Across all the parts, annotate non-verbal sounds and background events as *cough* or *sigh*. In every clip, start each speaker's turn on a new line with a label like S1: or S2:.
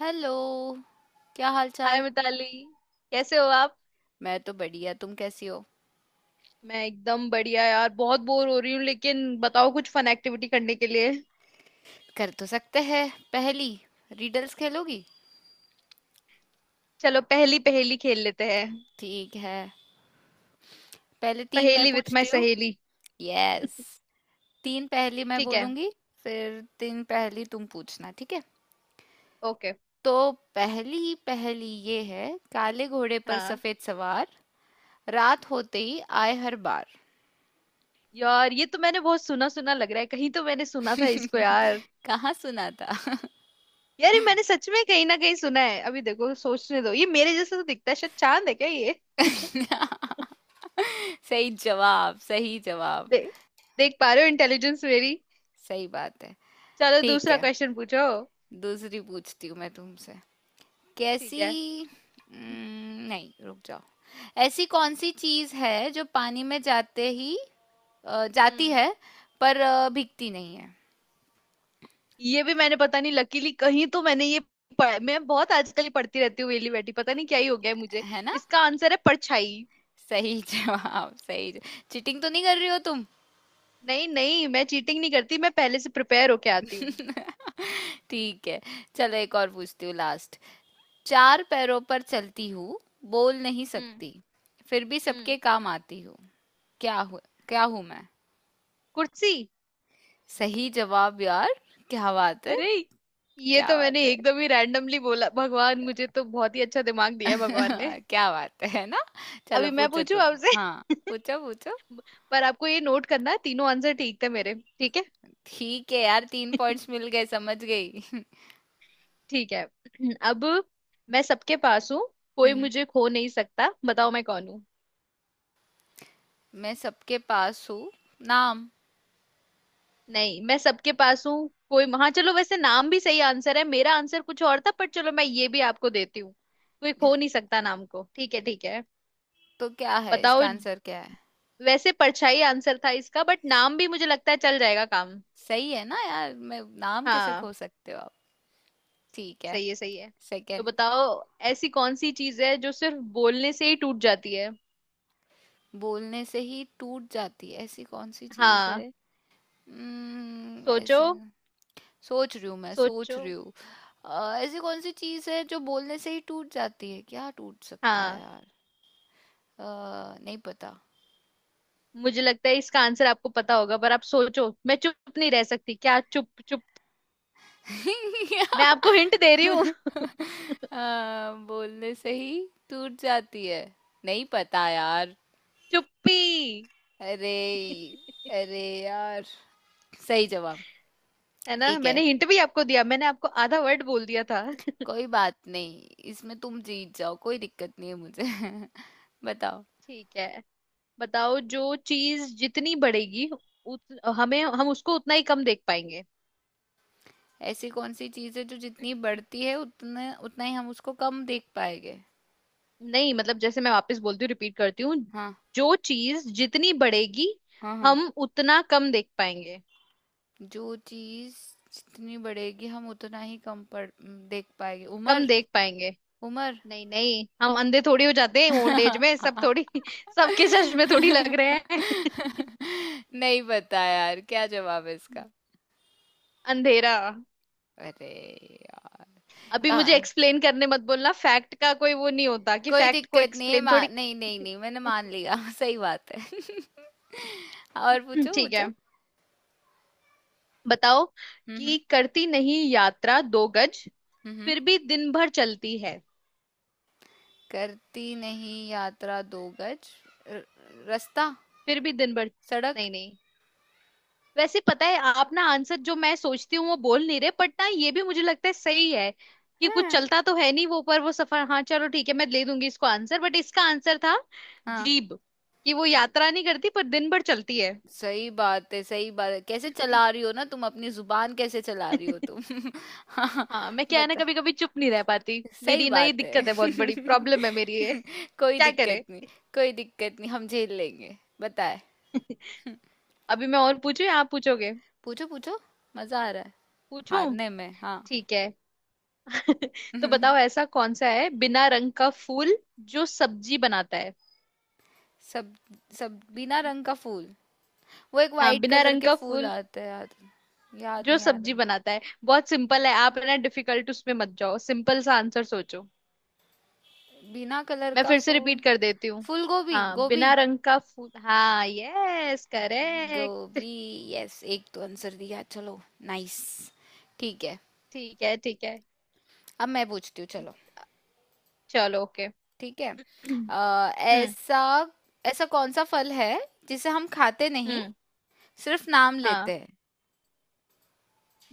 S1: Hello. क्या हाल
S2: hi
S1: चाल।
S2: मिताली। कैसे हो आप।
S1: मैं तो बढ़िया, तुम कैसी हो।
S2: मैं एकदम बढ़िया यार, बहुत बोर हो रही हूँ लेकिन बताओ कुछ फन एक्टिविटी करने के लिए।
S1: कर तो सकते हैं। पहली, रिडल्स खेलोगी?
S2: चलो पहेली पहेली खेल लेते हैं।
S1: ठीक है, पहले तीन मैं
S2: पहेली विथ माय
S1: पूछती हूँ।
S2: सहेली।
S1: यस, तीन पहेली मैं
S2: ठीक है।
S1: बोलूंगी, फिर तीन पहेली तुम पूछना, ठीक है?
S2: ओके।
S1: तो पहली पहेली ये है। काले घोड़े पर
S2: हाँ।
S1: सफेद सवार, रात होते ही आए हर बार।
S2: यार ये तो मैंने बहुत सुना, सुना लग रहा है, कहीं तो मैंने सुना था
S1: *laughs*
S2: इसको यार।
S1: कहाँ सुना था? *laughs*
S2: यार ये मैंने सच में कहीं ना कहीं सुना है। अभी देखो, सोचने दो। ये मेरे जैसा तो दिखता है, शायद चांद है क्या ये।
S1: सही जवाब, सही जवाब।
S2: दे, देख पा रहे हो इंटेलिजेंस मेरी।
S1: सही बात है।
S2: चलो
S1: ठीक
S2: दूसरा
S1: है,
S2: क्वेश्चन पूछो।
S1: दूसरी पूछती हूँ मैं तुमसे।
S2: ठीक
S1: कैसी,
S2: है।
S1: नहीं, रुक जाओ। ऐसी कौन सी चीज है जो पानी में जाते ही जाती
S2: हम्म।
S1: है, पर भीगती नहीं है?
S2: ये भी मैंने पता नहीं लकीली कहीं तो मैंने ये पढ़ा। मैं बहुत आजकल ही पढ़ती रहती हूँ, वेली बैठी पता नहीं क्या ही हो गया है मुझे।
S1: है ना।
S2: इसका आंसर है परछाई।
S1: सही *laughs* जवाब, सही जवाब। चीटिंग तो नहीं कर रही हो तुम?
S2: नहीं नहीं, मैं चीटिंग नहीं करती। मैं पहले से प्रिपेयर होके आती हूँ।
S1: *laughs* ठीक है, चलो एक और पूछती हूँ, लास्ट। चार पैरों पर चलती हूँ, बोल नहीं
S2: हम्म।
S1: सकती, फिर भी
S2: हम्म।
S1: सबके काम आती हूँ। क्या हूँ, क्या हूँ मैं?
S2: कुर्सी।
S1: सही जवाब यार, क्या बात है।
S2: अरे, ये
S1: क्या
S2: तो
S1: बात
S2: मैंने
S1: है
S2: एकदम ही रैंडमली बोला। भगवान मुझे तो बहुत ही अच्छा दिमाग दिया है भगवान ने।
S1: *laughs* क्या बात है ना? चलो
S2: अभी मैं
S1: पूछो
S2: पूछू
S1: तुम।
S2: आपसे।
S1: हाँ,
S2: *laughs*
S1: पूछो पूछो।
S2: पर आपको ये नोट करना है, तीनों आंसर ठीक थे मेरे, ठीक है।
S1: ठीक है यार, तीन
S2: *laughs*
S1: पॉइंट्स मिल गए, समझ गई। *laughs*
S2: ठीक है। *clears throat* अब मैं सबके पास हूँ, कोई
S1: हम्म,
S2: मुझे खो नहीं सकता, बताओ मैं कौन हूँ।
S1: मैं सबके पास हूँ। नाम।
S2: नहीं, मैं सबके पास हूँ कोई। हाँ चलो, वैसे नाम भी सही आंसर है। मेरा आंसर कुछ और था पर चलो मैं ये भी आपको देती हूँ। कोई खो नहीं सकता नाम को, ठीक है ठीक है।
S1: तो क्या है, इसका
S2: बताओ।
S1: आंसर क्या है?
S2: वैसे परछाई आंसर था इसका, बट नाम भी मुझे लगता है चल जाएगा काम।
S1: सही है ना यार, मैं नाम कैसे
S2: हाँ।
S1: खो सकते हो आप। ठीक है।
S2: सही है सही है। तो
S1: सेकंड।
S2: बताओ, ऐसी कौन सी चीज है जो सिर्फ बोलने से ही टूट जाती है।
S1: बोलने से ही टूट जाती है, ऐसी कौन सी चीज है?
S2: हाँ।
S1: हम्म,
S2: सोचो।
S1: ऐसी। सोच रही हूँ, मैं सोच
S2: सोचो।
S1: रही हूँ। ऐसी कौन सी चीज है जो बोलने से ही टूट जाती है? क्या टूट सकता है
S2: हाँ।
S1: यार? अ, नहीं पता।
S2: मुझे लगता है इसका आंसर आपको पता होगा, पर आप सोचो। मैं चुप नहीं रह सकती, क्या चुप चुप। मैं
S1: *laughs*
S2: आपको हिंट दे रही।
S1: बोलने से ही टूट जाती है। नहीं पता यार।
S2: चुप्पी।
S1: अरे,
S2: *laughs*
S1: अरे यार, सही जवाब।
S2: है ना,
S1: ठीक है,
S2: मैंने हिंट भी आपको दिया, मैंने आपको आधा वर्ड बोल दिया था। *laughs*
S1: कोई बात नहीं। इसमें तुम जीत जाओ, कोई दिक्कत नहीं है मुझे। *laughs* बताओ।
S2: ठीक है। बताओ, जो चीज जितनी बढ़ेगी उत, हमें, हम उसको उतना ही कम देख पाएंगे।
S1: ऐसी कौन सी चीज़ है जो जितनी बढ़ती है, उतना उतना ही हम उसको कम देख पाएंगे?
S2: नहीं मतलब जैसे, मैं वापस बोलती हूँ, रिपीट करती हूँ।
S1: हाँ
S2: जो चीज जितनी बढ़ेगी,
S1: हाँ। हाँ,
S2: हम उतना कम देख पाएंगे।
S1: जो चीज़ जितनी बढ़ेगी, हम उतना ही कम पड़ देख पाएंगे।
S2: कम
S1: उम्र।
S2: देख पाएंगे।
S1: उम्र।
S2: नहीं नहीं, हम अंधे थोड़ी हो जाते हैं ओल्ड एज में सब, थोड़ी। *laughs* सबके चश्मे थोड़ी लग रहे हैं। *laughs*
S1: नहीं पता यार, क्या जवाब है इसका?
S2: अंधेरा।
S1: अरे यार।
S2: अभी मुझे
S1: हाँ,
S2: एक्सप्लेन करने मत बोलना, फैक्ट का कोई वो नहीं होता कि
S1: कोई
S2: फैक्ट को
S1: दिक्कत नहीं है,
S2: एक्सप्लेन थोड़ी।
S1: नहीं नहीं
S2: *laughs*
S1: नहीं मैंने मान लिया। *laughs* सही बात है। *laughs* और पूछो,
S2: ठीक है।
S1: पूछो।
S2: बताओ
S1: हम्म।
S2: कि करती नहीं यात्रा दो गज,
S1: हम्म, हम्म।
S2: फिर भी दिन भर चलती है।
S1: करती नहीं यात्रा दो गज। र- रास्ता।
S2: फिर भी दिन भर।
S1: सड़क।
S2: नहीं नहीं। वैसे पता है आप ना, आंसर जो मैं सोचती हूँ वो बोल नहीं रहे, बट ना ये भी मुझे लगता है सही है कि कुछ
S1: हाँ।
S2: चलता तो है नहीं वो, पर वो सफर। हाँ चलो ठीक है, मैं ले दूंगी इसको आंसर, बट इसका आंसर था
S1: हाँ,
S2: जीभ, कि वो यात्रा नहीं करती पर दिन भर चलती है।
S1: सही बात है, सही बात है। कैसे चला रही हो ना तुम अपनी जुबान, कैसे चला रही हो
S2: *laughs*
S1: तुम। *laughs* हाँ,
S2: हाँ, मैं क्या है ना, कभी कभी चुप नहीं रह पाती,
S1: सही
S2: मेरी ना ये
S1: बात है।
S2: दिक्कत है, बहुत बड़ी प्रॉब्लम है मेरी ये। *laughs*
S1: *laughs* कोई
S2: क्या
S1: दिक्कत
S2: करे।
S1: नहीं, कोई दिक्कत नहीं, हम झेल लेंगे। बताए।
S2: *laughs*
S1: *laughs*
S2: अभी मैं और पूछूं या आप पूछोगे।
S1: पूछो पूछो, मजा आ रहा है
S2: पूछूं।
S1: हारने में, हाँ।
S2: ठीक है। *laughs* तो बताओ,
S1: *laughs*
S2: ऐसा कौन सा है बिना रंग का फूल जो सब्जी बनाता है।
S1: सब, बिना रंग का फूल, वो एक
S2: हाँ
S1: वाइट
S2: बिना
S1: कलर
S2: रंग
S1: के
S2: का
S1: फूल
S2: फूल
S1: आते हैं, याद। याद
S2: जो
S1: नहीं आ रहा।
S2: सब्जी बनाता है। बहुत सिंपल है आप, है ना, डिफिकल्ट उसमें मत जाओ, सिंपल सा आंसर सोचो।
S1: बिना कलर
S2: मैं
S1: का
S2: फिर से रिपीट
S1: फूल।
S2: कर देती हूँ।
S1: फूल गोभी,
S2: हाँ
S1: गोभी।
S2: बिना रंग का फूल। हाँ यस करेक्ट।
S1: गोभी। यस, एक तो आंसर दिया, चलो। नाइस। ठीक है,
S2: *laughs* ठीक है ठीक है।
S1: अब मैं पूछती हूँ, चलो।
S2: चलो ओके।
S1: ठीक है।
S2: *clears throat* हम्म।
S1: ऐसा, ऐसा कौन सा फल है जिसे हम खाते नहीं,
S2: हम्म।
S1: सिर्फ नाम लेते
S2: हाँ,
S1: हैं?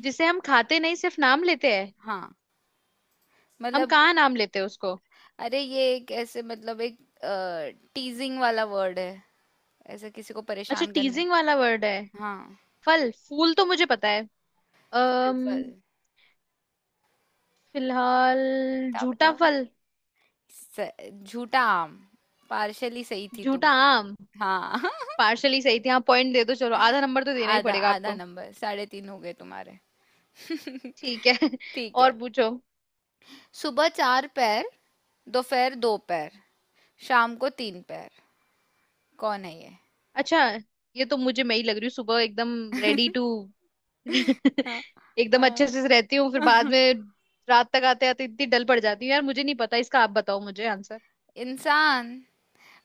S2: जिसे हम खाते नहीं सिर्फ नाम लेते हैं।
S1: हाँ।
S2: हम
S1: मतलब,
S2: कहाँ नाम लेते हैं उसको।
S1: अरे ये एक ऐसे, मतलब एक टीजिंग वाला वर्ड है, ऐसे किसी को
S2: अच्छा
S1: परेशान करने
S2: टीजिंग वाला वर्ड है।
S1: हाँ।
S2: फल फूल तो मुझे पता है।
S1: फल फल।
S2: अम्म फिलहाल।
S1: बताओ,
S2: झूठा
S1: बताओ।
S2: फल।
S1: स- झूठा आम। पार्शली सही थी तुम।
S2: झूठा आम।
S1: हाँ। *laughs*
S2: पार्शली सही थी। हाँ पॉइंट दे दो, चलो आधा नंबर तो देना ही
S1: आधा,
S2: पड़ेगा
S1: आधा
S2: आपको।
S1: नंबर, साढ़े तीन हो गए तुम्हारे। *laughs*
S2: ठीक है। *laughs*
S1: ठीक है।
S2: और पूछो।
S1: सुबह चार पैर, दोपहर दो पैर, शाम को तीन पैर, कौन है ये?
S2: अच्छा, ये तो मुझे मैं ही लग रही हूँ। सुबह एकदम रेडी टू
S1: *laughs*
S2: *laughs*
S1: हाँ,
S2: एकदम अच्छे
S1: हाँ।
S2: से रहती हूँ, फिर बाद
S1: *laughs*
S2: में रात तक आते आते इतनी डल पड़ जाती हूँ। यार मुझे नहीं पता इसका, आप बताओ मुझे आंसर।
S1: इंसान।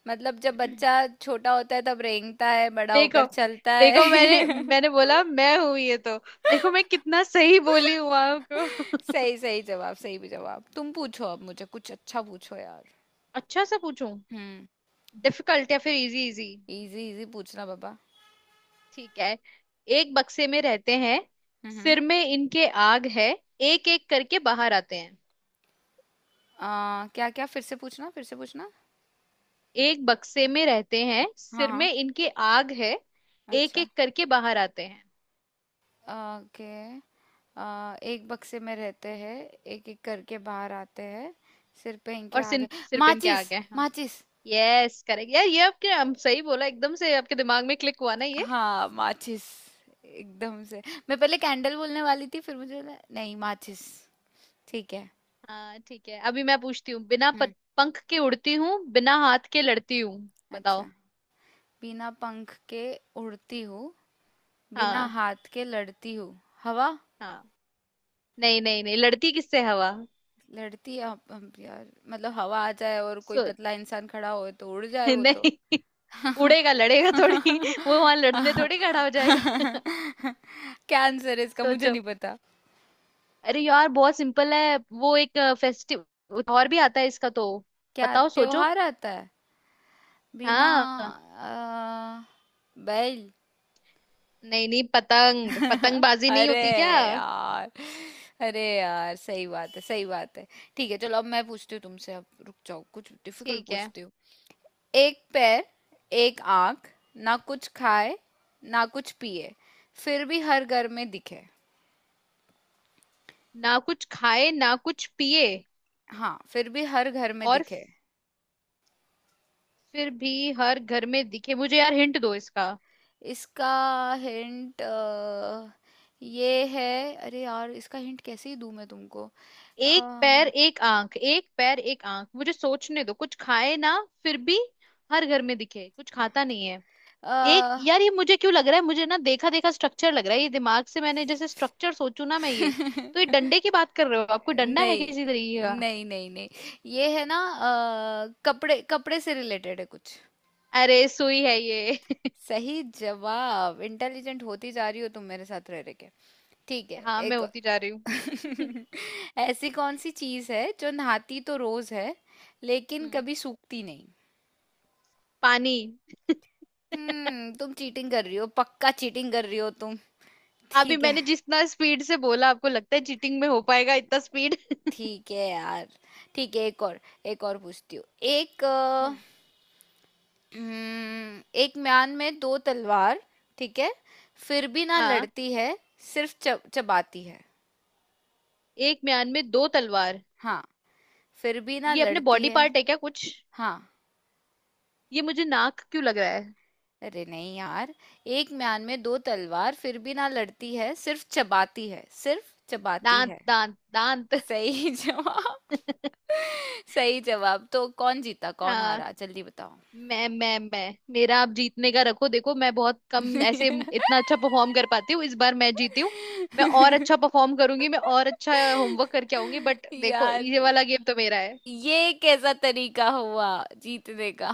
S1: मतलब जब बच्चा
S2: *clears throat*
S1: छोटा होता है तब रेंगता है, बड़ा
S2: देखो,
S1: होकर चलता है।
S2: देखो मैंने,
S1: *laughs*
S2: बोला मैं हूं ये तो। देखो मैं कितना सही बोली हूँ आपको।
S1: सही, सही जवाब, सही भी जवाब। तुम पूछो अब, मुझे कुछ अच्छा पूछो यार।
S2: *laughs* अच्छा सा पूछूं।
S1: हम्म।
S2: डिफिकल्ट या फिर इजी इजी।
S1: इजी, इजी पूछना बाबा।
S2: ठीक है। एक बक्से में रहते हैं,
S1: हम्म।
S2: सिर में इनके आग है, एक एक करके बाहर आते हैं।
S1: आ, क्या क्या, फिर से पूछना, फिर से पूछना।
S2: एक बक्से में रहते हैं,
S1: हाँ
S2: सिर में
S1: हाँ।
S2: इनके आग है, एक
S1: अच्छा,
S2: एक करके बाहर आते हैं।
S1: ओके। एक बक्से में रहते हैं, एक एक करके बाहर आते हैं, सिर पे इनके
S2: और
S1: आगे।
S2: सिर सिर पे इनके
S1: माचिस,
S2: आग है, हाँ।
S1: माचिस।
S2: यस करेक्ट यार। ये आपके, हम सही बोला, एकदम से आपके दिमाग में क्लिक हुआ ना।
S1: हाँ, माचिस, एकदम से। मैं पहले कैंडल बोलने वाली थी, फिर मुझे नहीं, माचिस। ठीक है।
S2: हाँ ठीक है। अभी मैं पूछती हूँ, बिना प-
S1: हम्म।
S2: पंख के उड़ती हूँ, बिना हाथ के लड़ती हूँ।
S1: अच्छा,
S2: बताओ।
S1: बिना पंख के उड़ती हूँ, बिना
S2: हाँ।
S1: हाथ के लड़ती हूँ। हवा।
S2: हाँ। नहीं नहीं नहीं, लड़ती किससे हवा।
S1: लड़ती है यार मतलब हवा आ जाए और कोई
S2: सो
S1: पतला इंसान खड़ा हो तो उड़
S2: *laughs*
S1: जाए वो तो।
S2: नहीं, उड़ेगा,
S1: *laughs*
S2: लड़ेगा थोड़ी। वो वहां लड़ने थोड़ी खड़ा हो जाएगा।
S1: क्या आंसर है
S2: *laughs*
S1: इसका, मुझे
S2: सोचो।
S1: नहीं पता।
S2: अरे यार बहुत सिंपल है, वो एक फेस्टिव और भी आता है इसका तो।
S1: क्या
S2: बताओ, सोचो।
S1: त्योहार आता है? बिना,
S2: हाँ।
S1: अ, बैल।
S2: नहीं नहीं, पतंग,
S1: *laughs*
S2: पतंगबाजी नहीं
S1: अरे
S2: होती क्या।
S1: यार। अरे यार, सही बात है, सही बात है। ठीक है, चलो अब मैं पूछती हूँ तुमसे, अब रुक जाओ, कुछ डिफिकल्ट
S2: ठीक है।
S1: पूछती हूँ। एक पैर, एक आंख, ना कुछ खाए, ना कुछ पिए, फिर भी हर घर में दिखे।
S2: ना कुछ खाए ना कुछ पिए
S1: हाँ, फिर भी हर घर में
S2: और
S1: दिखे।
S2: फिर भी हर घर में दिखे मुझे, यार हिंट दो इसका।
S1: इसका हिंट ये है, अरे यार इसका हिंट कैसे ही दूं मैं तुमको?
S2: एक पैर
S1: अ,
S2: एक आंख, एक पैर एक आंख, मुझे सोचने दो। कुछ खाए ना, फिर भी हर घर में दिखे, कुछ खाता नहीं है।
S1: अ।
S2: एक, यार ये मुझे क्यों लग रहा है, मुझे ना देखा देखा स्ट्रक्चर लग रहा है ये। दिमाग से मैंने जैसे स्ट्रक्चर सोचू ना मैं ये तो, ये
S1: *laughs*
S2: डंडे की बात कर रहे हो, आपको डंडा है किसी तरीके
S1: नहीं
S2: का।
S1: नहीं नहीं, नहीं ये है ना, कपड़े, कपड़े से रिलेटेड है कुछ।
S2: अरे सुई है ये।
S1: सही जवाब, इंटेलिजेंट होती जा रही हो तुम मेरे साथ रह रह के। ठीक
S2: *laughs* हाँ,
S1: है।
S2: मैं होती जा रही
S1: एक।
S2: हूँ। *laughs*
S1: *laughs* ऐसी कौन सी चीज है जो नहाती तो रोज है, लेकिन
S2: हम्म,
S1: कभी सूखती नहीं?
S2: पानी।
S1: हम्म, तुम चीटिंग कर रही हो, पक्का चीटिंग कर रही हो तुम।
S2: अभी
S1: ठीक है।
S2: मैंने जितना स्पीड से बोला, आपको लगता है चीटिंग में हो पाएगा इतना स्पीड।
S1: ठीक है यार, ठीक है, एक और, एक और पूछती हूँ। एक अ,
S2: *laughs*
S1: एक म्यान में दो तलवार, ठीक है, फिर भी ना
S2: हाँ।
S1: लड़ती है, सिर्फ चबाती है।
S2: एक म्यान में दो तलवार।
S1: हाँ, फिर भी ना
S2: ये अपने
S1: लड़ती
S2: बॉडी
S1: है।
S2: पार्ट है क्या कुछ।
S1: हाँ।
S2: ये मुझे नाक क्यों लग रहा है।
S1: अरे नहीं यार, एक म्यान में दो तलवार, फिर भी ना लड़ती है, सिर्फ चबाती है, सिर्फ चबाती
S2: दांत
S1: है।
S2: दांत दांत।
S1: सही *laughs* जवाब,
S2: *laughs*
S1: सही जवाब। तो कौन जीता, कौन
S2: हाँ।
S1: हारा, जल्दी बताओ।
S2: मैं मेरा, आप जीतने का रखो। देखो मैं बहुत कम ऐसे इतना अच्छा परफॉर्म कर पाती हूँ, इस बार मैं जीती हूँ। मैं और
S1: *laughs*
S2: अच्छा परफॉर्म करूंगी, मैं और अच्छा होमवर्क करके आऊंगी, बट देखो
S1: यार,
S2: ये वाला गेम तो मेरा है।
S1: ये कैसा तरीका हुआ जीतने का?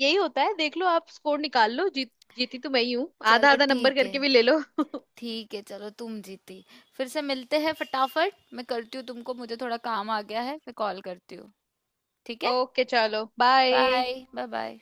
S2: यही होता है, देख लो आप स्कोर निकाल लो। जीत, जीती तो मैं ही हूँ,
S1: *laughs*
S2: आधा
S1: चलो
S2: आधा नंबर
S1: ठीक है।
S2: करके भी ले लो। *laughs*
S1: ठीक है चलो, तुम जीती। फिर से मिलते हैं, फटाफट मैं करती हूँ तुमको, मुझे थोड़ा काम आ गया है, मैं कॉल करती हूँ। ठीक है।
S2: ओके चलो बाय।
S1: Bye bye bye.